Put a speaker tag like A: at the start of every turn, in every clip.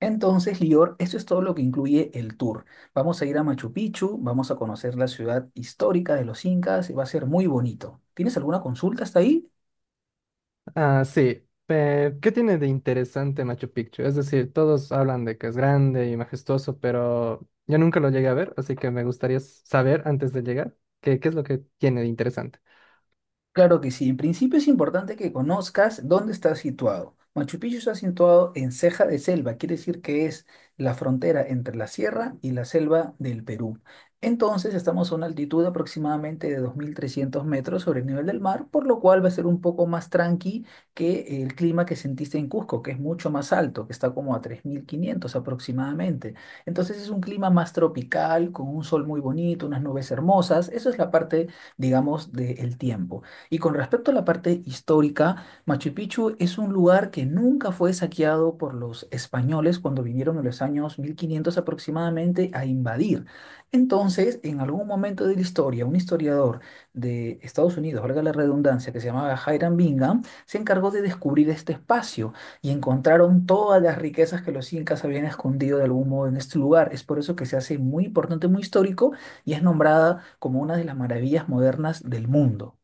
A: Entonces, Lior, eso es todo lo que incluye el tour. Vamos a ir a Machu Picchu, vamos a conocer la ciudad histórica de los incas y va a ser muy bonito. ¿Tienes alguna consulta hasta ahí?
B: Ah, sí. ¿Qué tiene de interesante Machu Picchu? Es decir, todos hablan de que es grande y majestuoso, pero yo nunca lo llegué a ver, así que me gustaría saber antes de llegar qué es lo que tiene de interesante.
A: Claro que sí. En principio es importante que conozcas dónde está situado. Machu Picchu está situado en ceja de selva, quiere decir que es la frontera entre la sierra y la selva del Perú. Entonces estamos a una altitud aproximadamente de 2.300 metros sobre el nivel del mar, por lo cual va a ser un poco más tranqui que el clima que sentiste en Cusco, que es mucho más alto, que está como a 3.500 aproximadamente. Entonces es un clima más tropical, con un sol muy bonito, unas nubes hermosas. Eso es la parte, digamos, del tiempo. Y con respecto a la parte histórica, Machu Picchu es un lugar que nunca fue saqueado por los españoles cuando vinieron en los años 1500 aproximadamente a invadir. Entonces, en algún momento de la historia, un historiador de Estados Unidos, valga la redundancia, que se llamaba Hiram Bingham, se encargó de descubrir este espacio y encontraron todas las riquezas que los incas habían escondido de algún modo en este lugar. Es por eso que se hace muy importante, muy histórico y es nombrada como una de las maravillas modernas del mundo.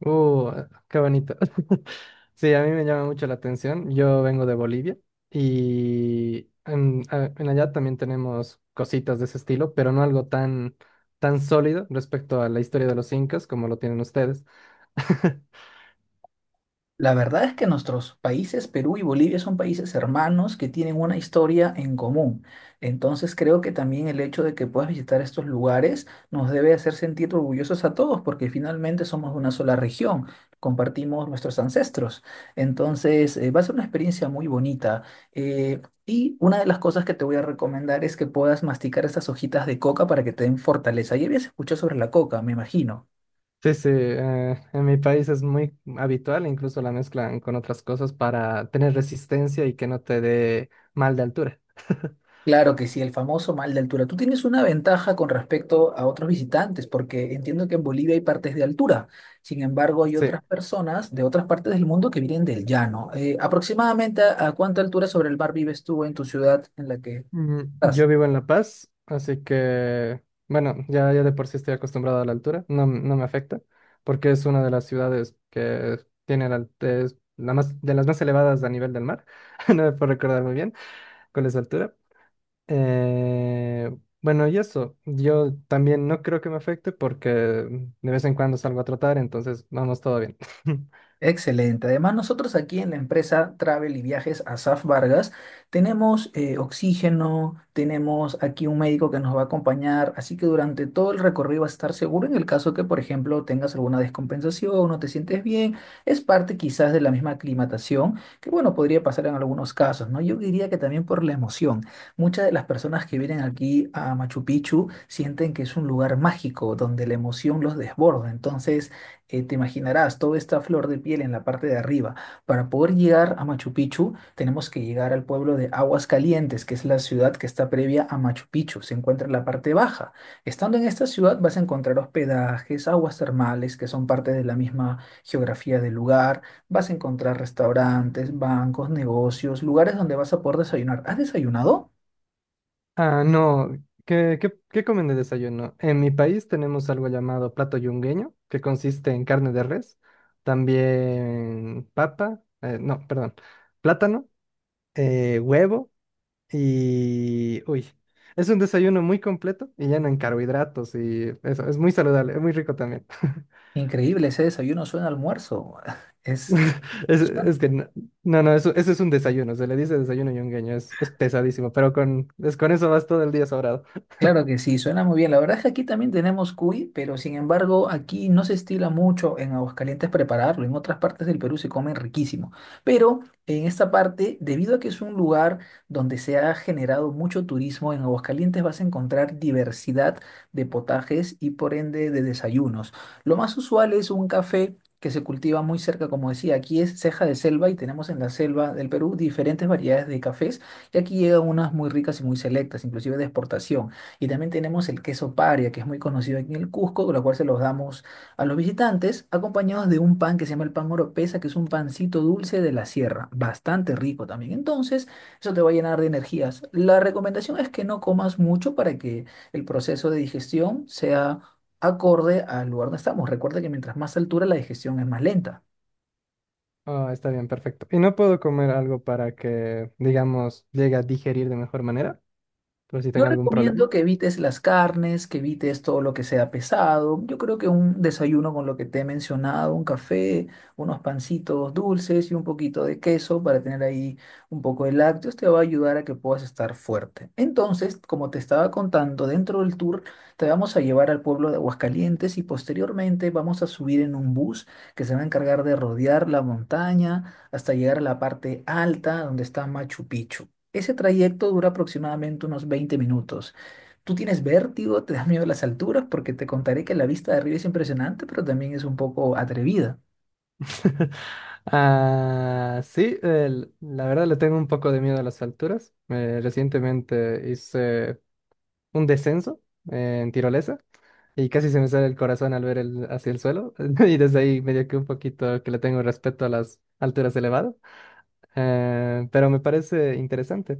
B: Uh, qué bonito. Sí, a mí me llama mucho la atención. Yo vengo de Bolivia y en allá también tenemos cositas de ese estilo, pero no algo tan sólido respecto a la historia de los incas como lo tienen ustedes.
A: La verdad es que nuestros países, Perú y Bolivia, son países hermanos que tienen una historia en común. Entonces creo que también el hecho de que puedas visitar estos lugares nos debe hacer sentir orgullosos a todos porque finalmente somos de una sola región, compartimos nuestros ancestros. Entonces va a ser una experiencia muy bonita. Y una de las cosas que te voy a recomendar es que puedas masticar estas hojitas de coca para que te den fortaleza. Ya habías escuchado sobre la coca, me imagino.
B: Sí, sí, en mi país es muy habitual, incluso la mezclan con otras cosas para tener resistencia y que no te dé mal de altura.
A: Claro que sí, el famoso mal de altura. Tú tienes una ventaja con respecto a otros visitantes, porque entiendo que en Bolivia hay partes de altura. Sin embargo, hay
B: Sí,
A: otras personas de otras partes del mundo que vienen del llano. Aproximadamente, ¿a cuánta altura sobre el mar vives tú en tu ciudad en la que estás?
B: yo vivo en La Paz, así que, bueno, ya de por sí estoy acostumbrado a la altura, no, no me afecta, porque es una de las ciudades que tiene es de las más elevadas a nivel del mar. No me puedo recordar muy bien cuál es la altura. Eh, bueno, y eso, yo también no creo que me afecte porque de vez en cuando salgo a trotar, entonces vamos todo bien.
A: Excelente. Además, nosotros aquí en la empresa Travel y Viajes Asaf Vargas tenemos oxígeno, tenemos aquí un médico que nos va a acompañar, así que durante todo el recorrido vas a estar seguro en el caso que, por ejemplo, tengas alguna descompensación, no te sientes bien, es parte quizás de la misma aclimatación, que bueno, podría pasar en algunos casos, ¿no? Yo diría que también por la emoción. Muchas de las personas que vienen aquí a Machu Picchu sienten que es un lugar mágico donde la emoción los desborda, entonces te imaginarás, toda esta flor de piel en la parte de arriba. Para poder llegar a Machu Picchu, tenemos que llegar al pueblo de Aguas Calientes, que es la ciudad que está previa a Machu Picchu. Se encuentra en la parte baja. Estando en esta ciudad vas a encontrar hospedajes, aguas termales, que son parte de la misma geografía del lugar. Vas a encontrar restaurantes, bancos, negocios, lugares donde vas a poder desayunar. ¿Has desayunado?
B: Ah, no, ¿ qué comen de desayuno? En mi país tenemos algo llamado plato yungueño, que consiste en carne de res, también papa, no, perdón, plátano, huevo y... Uy, es un desayuno muy completo y lleno en carbohidratos y eso, es muy saludable, es muy rico también.
A: Increíble, ese desayuno suena a almuerzo. Es...
B: Es que no, no, no, eso es un desayuno, se le dice desayuno yungueño, es pesadísimo, pero con eso vas todo el día sobrado.
A: Claro que sí, suena muy bien. La verdad es que aquí también tenemos cuy, pero sin embargo aquí no se estila mucho en Aguascalientes prepararlo. En otras partes del Perú se come riquísimo. Pero en esta parte, debido a que es un lugar donde se ha generado mucho turismo, en Aguascalientes vas a encontrar diversidad de potajes y por ende de desayunos. Lo más usual es un café que se cultiva muy cerca, como decía, aquí es ceja de selva y tenemos en la selva del Perú diferentes variedades de cafés y aquí llegan unas muy ricas y muy selectas, inclusive de exportación. Y también tenemos el queso paria, que es muy conocido aquí en el Cusco, con lo cual se los damos a los visitantes, acompañados de un pan que se llama el pan oropesa, que es un pancito dulce de la sierra, bastante rico también. Entonces, eso te va a llenar de energías. La recomendación es que no comas mucho para que el proceso de digestión sea acorde al lugar donde estamos. Recuerda que mientras más altura, la digestión es más lenta.
B: Ah, está bien, perfecto. Y no puedo comer algo para que, digamos, llegue a digerir de mejor manera, por si
A: Yo
B: tengo algún problema.
A: recomiendo que evites las carnes, que evites todo lo que sea pesado. Yo creo que un desayuno con lo que te he mencionado, un café, unos pancitos dulces y un poquito de queso para tener ahí un poco de lácteos te va a ayudar a que puedas estar fuerte. Entonces, como te estaba contando, dentro del tour te vamos a llevar al pueblo de Aguascalientes y posteriormente vamos a subir en un bus que se va a encargar de rodear la montaña hasta llegar a la parte alta donde está Machu Picchu. Ese trayecto dura aproximadamente unos 20 minutos. ¿Tú tienes vértigo? ¿Te da miedo las alturas? Porque te contaré que la vista de arriba es impresionante, pero también es un poco atrevida.
B: Ah, sí, la verdad le tengo un poco de miedo a las alturas. Recientemente hice un descenso en tirolesa y casi se me sale el corazón al ver hacia el suelo y desde ahí medio que un poquito que le tengo respeto a las alturas elevadas. Pero me parece interesante.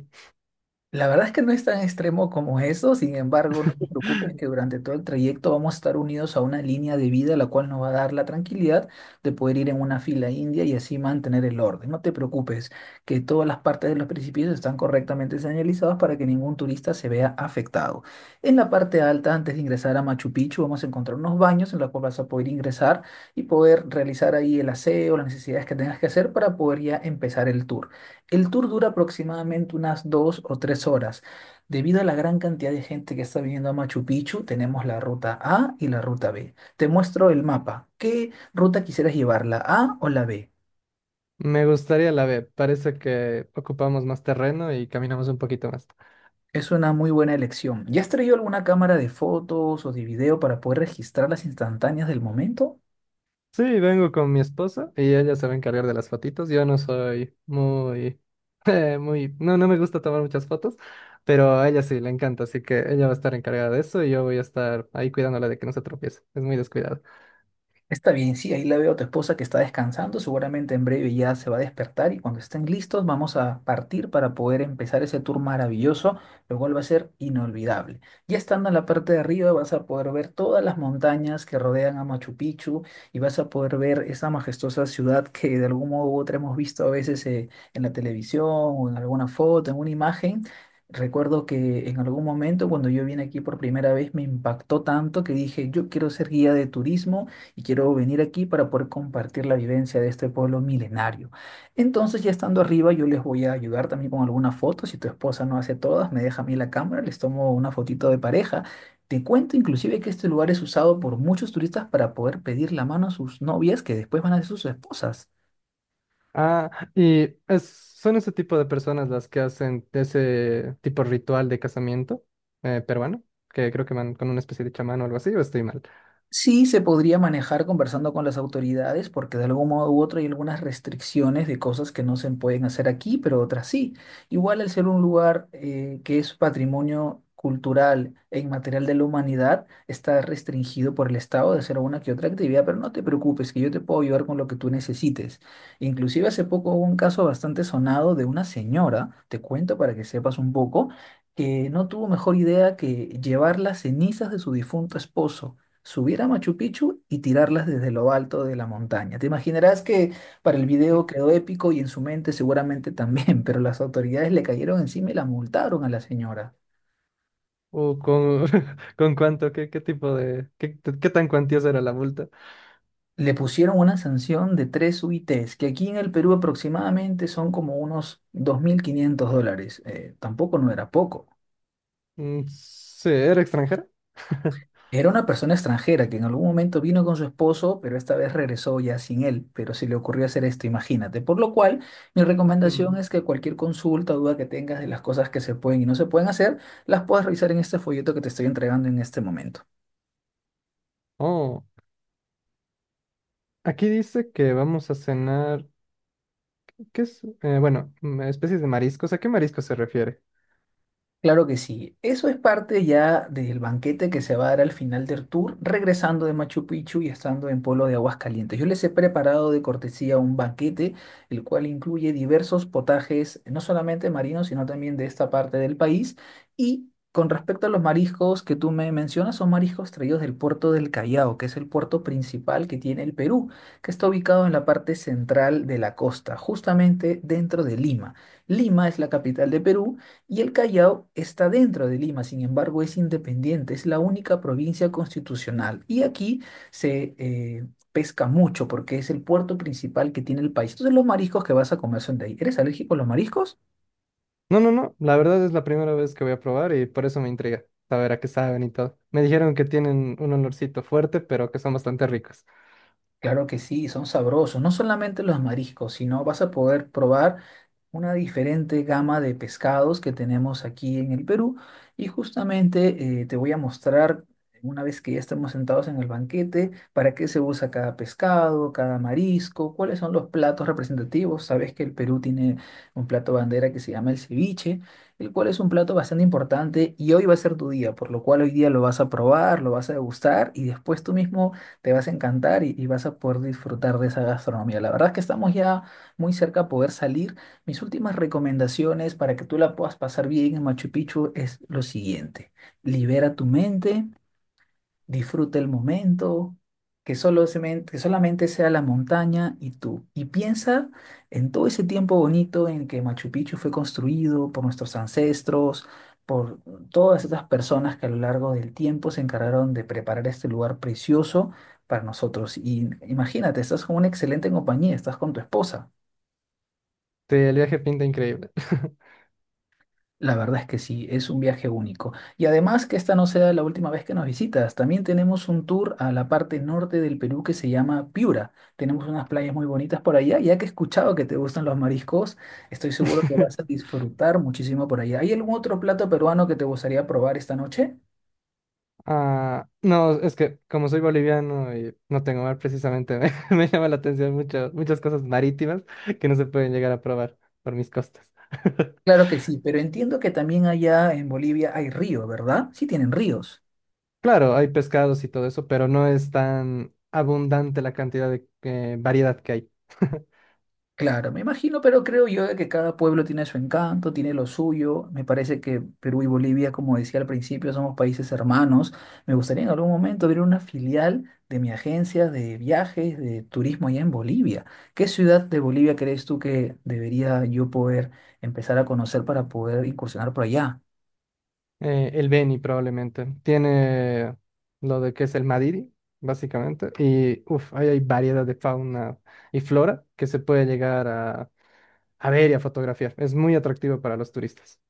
A: La verdad es que no es tan extremo como eso, sin embargo, no te preocupes que durante todo el trayecto vamos a estar unidos a una línea de vida la cual nos va a dar la tranquilidad de poder ir en una fila india y así mantener el orden. No te preocupes que todas las partes de los precipicios están correctamente señalizadas para que ningún turista se vea afectado. En la parte alta, antes de ingresar a Machu Picchu, vamos a encontrar unos baños en los cuales vas a poder ingresar y poder realizar ahí el aseo, las necesidades que tengas que hacer para poder ya empezar el tour. El tour dura aproximadamente unas 2 o 3 horas. Debido a la gran cantidad de gente que está viniendo a Machu Picchu, tenemos la ruta A y la ruta B. Te muestro el mapa. ¿Qué ruta quisieras llevar, la A o la B?
B: Me gustaría la B, parece que ocupamos más terreno y caminamos un poquito más.
A: Es una muy buena elección. ¿Ya has traído alguna cámara de fotos o de video para poder registrar las instantáneas del momento?
B: Sí, vengo con mi esposa y ella se va a encargar de las fotitos. Yo no soy muy, no, no me gusta tomar muchas fotos, pero a ella sí le encanta, así que ella va a estar encargada de eso y yo voy a estar ahí cuidándola de que no se tropiece. Es muy descuidado.
A: Está bien, sí, ahí la veo a tu esposa que está descansando, seguramente en breve ya se va a despertar y cuando estén listos vamos a partir para poder empezar ese tour maravilloso, lo cual va a ser inolvidable. Ya estando en la parte de arriba vas a poder ver todas las montañas que rodean a Machu Picchu y vas a poder ver esa majestuosa ciudad que de algún modo u otro hemos visto a veces en la televisión o en alguna foto, en una imagen. Recuerdo que en algún momento cuando yo vine aquí por primera vez me impactó tanto que dije, yo quiero ser guía de turismo y quiero venir aquí para poder compartir la vivencia de este pueblo milenario. Entonces, ya estando arriba, yo les voy a ayudar también con algunas fotos. Si tu esposa no hace todas, me deja a mí la cámara, les tomo una fotito de pareja. Te cuento inclusive que este lugar es usado por muchos turistas para poder pedir la mano a sus novias que después van a ser sus esposas.
B: Ah, y es- son ese tipo de personas las que hacen ese tipo de ritual de casamiento peruano, que creo que van con una especie de chamán o algo así, o estoy mal.
A: Sí, se podría manejar conversando con las autoridades porque de algún modo u otro hay algunas restricciones de cosas que no se pueden hacer aquí, pero otras sí. Igual al ser un lugar que es patrimonio cultural e inmaterial de la humanidad, está restringido por el Estado de hacer alguna que otra actividad, pero no te preocupes, que yo te puedo ayudar con lo que tú necesites. Inclusive hace poco hubo un caso bastante sonado de una señora, te cuento para que sepas un poco, que no tuvo mejor idea que llevar las cenizas de su difunto esposo subir a Machu Picchu y tirarlas desde lo alto de la montaña. Te imaginarás que para el
B: Mm,
A: video quedó épico y en su mente seguramente también, pero las autoridades le cayeron encima y la multaron a la señora.
B: ¿o con, con cuánto? ¿Qué qué tan cuantiosa era la multa?
A: Le pusieron una sanción de 3 UITs, que aquí en el Perú aproximadamente son como unos 2500 dólares. Tampoco no era poco.
B: Mm, sí, ¿era extranjera?
A: Era una persona extranjera que en algún momento vino con su esposo, pero esta vez regresó ya sin él, pero se le ocurrió hacer esto, imagínate. Por lo cual, mi recomendación
B: Mm.
A: es que cualquier consulta o duda que tengas de las cosas que se pueden y no se pueden hacer, las puedas revisar en este folleto que te estoy entregando en este momento.
B: Oh, aquí dice que vamos a cenar, ¿qué es? Bueno, mm, especies de mariscos. ¿A qué marisco se refiere?
A: Claro que sí. Eso es parte ya del banquete que se va a dar al final del tour, regresando de Machu Picchu y estando en Polo de Aguascalientes. Yo les he preparado de cortesía un banquete, el cual incluye diversos potajes, no solamente marinos, sino también de esta parte del país. Y con respecto a los mariscos que tú me mencionas, son mariscos traídos del puerto del Callao, que es el puerto principal que tiene el Perú, que está ubicado en la parte central de la costa, justamente dentro de Lima. Lima es la capital de Perú. Y el Callao está dentro de Lima, sin embargo es independiente, es la única provincia constitucional. Y aquí se pesca mucho porque es el puerto principal que tiene el país. Entonces los mariscos que vas a comer son de ahí. ¿Eres alérgico a los mariscos?
B: No, no, no. La verdad es la primera vez que voy a probar y por eso me intriga saber a qué saben y todo. Me dijeron que tienen un olorcito fuerte, pero que son bastante ricos.
A: Claro que sí, son sabrosos. No solamente los mariscos, sino vas a poder probar una diferente gama de pescados que tenemos aquí en el Perú. Y justamente te voy a mostrar, una vez que ya estemos sentados en el banquete, para qué se usa cada pescado, cada marisco, cuáles son los platos representativos. Sabes que el Perú tiene un plato bandera que se llama el ceviche, el cual es un plato bastante importante y hoy va a ser tu día, por lo cual hoy día lo vas a probar, lo vas a degustar y después tú mismo te vas a encantar y vas a poder disfrutar de esa gastronomía. La verdad es que estamos ya muy cerca a poder salir. Mis últimas recomendaciones para que tú la puedas pasar bien en Machu Picchu es lo siguiente. Libera tu mente, disfruta el momento, que solo se que solamente sea la montaña y tú. Y piensa en todo ese tiempo bonito en que Machu Picchu fue construido por nuestros ancestros, por todas estas personas que a lo largo del tiempo se encargaron de preparar este lugar precioso para nosotros. Y imagínate, estás con una excelente compañía, estás con tu esposa.
B: Sí, el viaje pinta increíble.
A: La verdad es que sí, es un viaje único. Y además que esta no sea la última vez que nos visitas. También tenemos un tour a la parte norte del Perú que se llama Piura. Tenemos unas playas muy bonitas por allá. Ya que he escuchado que te gustan los mariscos, estoy seguro que vas a disfrutar muchísimo por allá. ¿Hay algún otro plato peruano que te gustaría probar esta noche?
B: Ah, no, es que como soy boliviano y no tengo mar precisamente, me llama la atención muchas cosas marítimas que no se pueden llegar a probar por mis costas.
A: Claro que sí, pero entiendo que también allá en Bolivia hay río, ¿verdad? Sí tienen ríos.
B: Claro, hay pescados y todo eso, pero no es tan abundante la cantidad de variedad que hay.
A: Claro, me imagino, pero creo yo de que cada pueblo tiene su encanto, tiene lo suyo. Me parece que Perú y Bolivia, como decía al principio, somos países hermanos. Me gustaría en algún momento abrir una filial de mi agencia de viajes, de turismo allá en Bolivia. ¿Qué ciudad de Bolivia crees tú que debería yo poder empezar a conocer para poder incursionar por allá?
B: El Beni probablemente. Tiene lo de que es el Madiri, básicamente. Y uff, ahí hay variedad de fauna y flora que se puede llegar a ver y a fotografiar. Es muy atractivo para los turistas.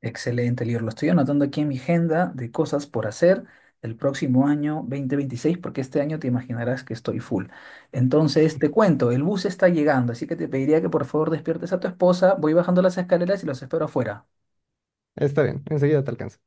A: Excelente, Lior. Lo estoy anotando aquí en mi agenda de cosas por hacer el próximo año 2026, porque este año te imaginarás que estoy full. Entonces, te cuento, el bus está llegando, así que te pediría que por favor despiertes a tu esposa. Voy bajando las escaleras y los espero afuera.
B: Está bien, enseguida te alcanzo.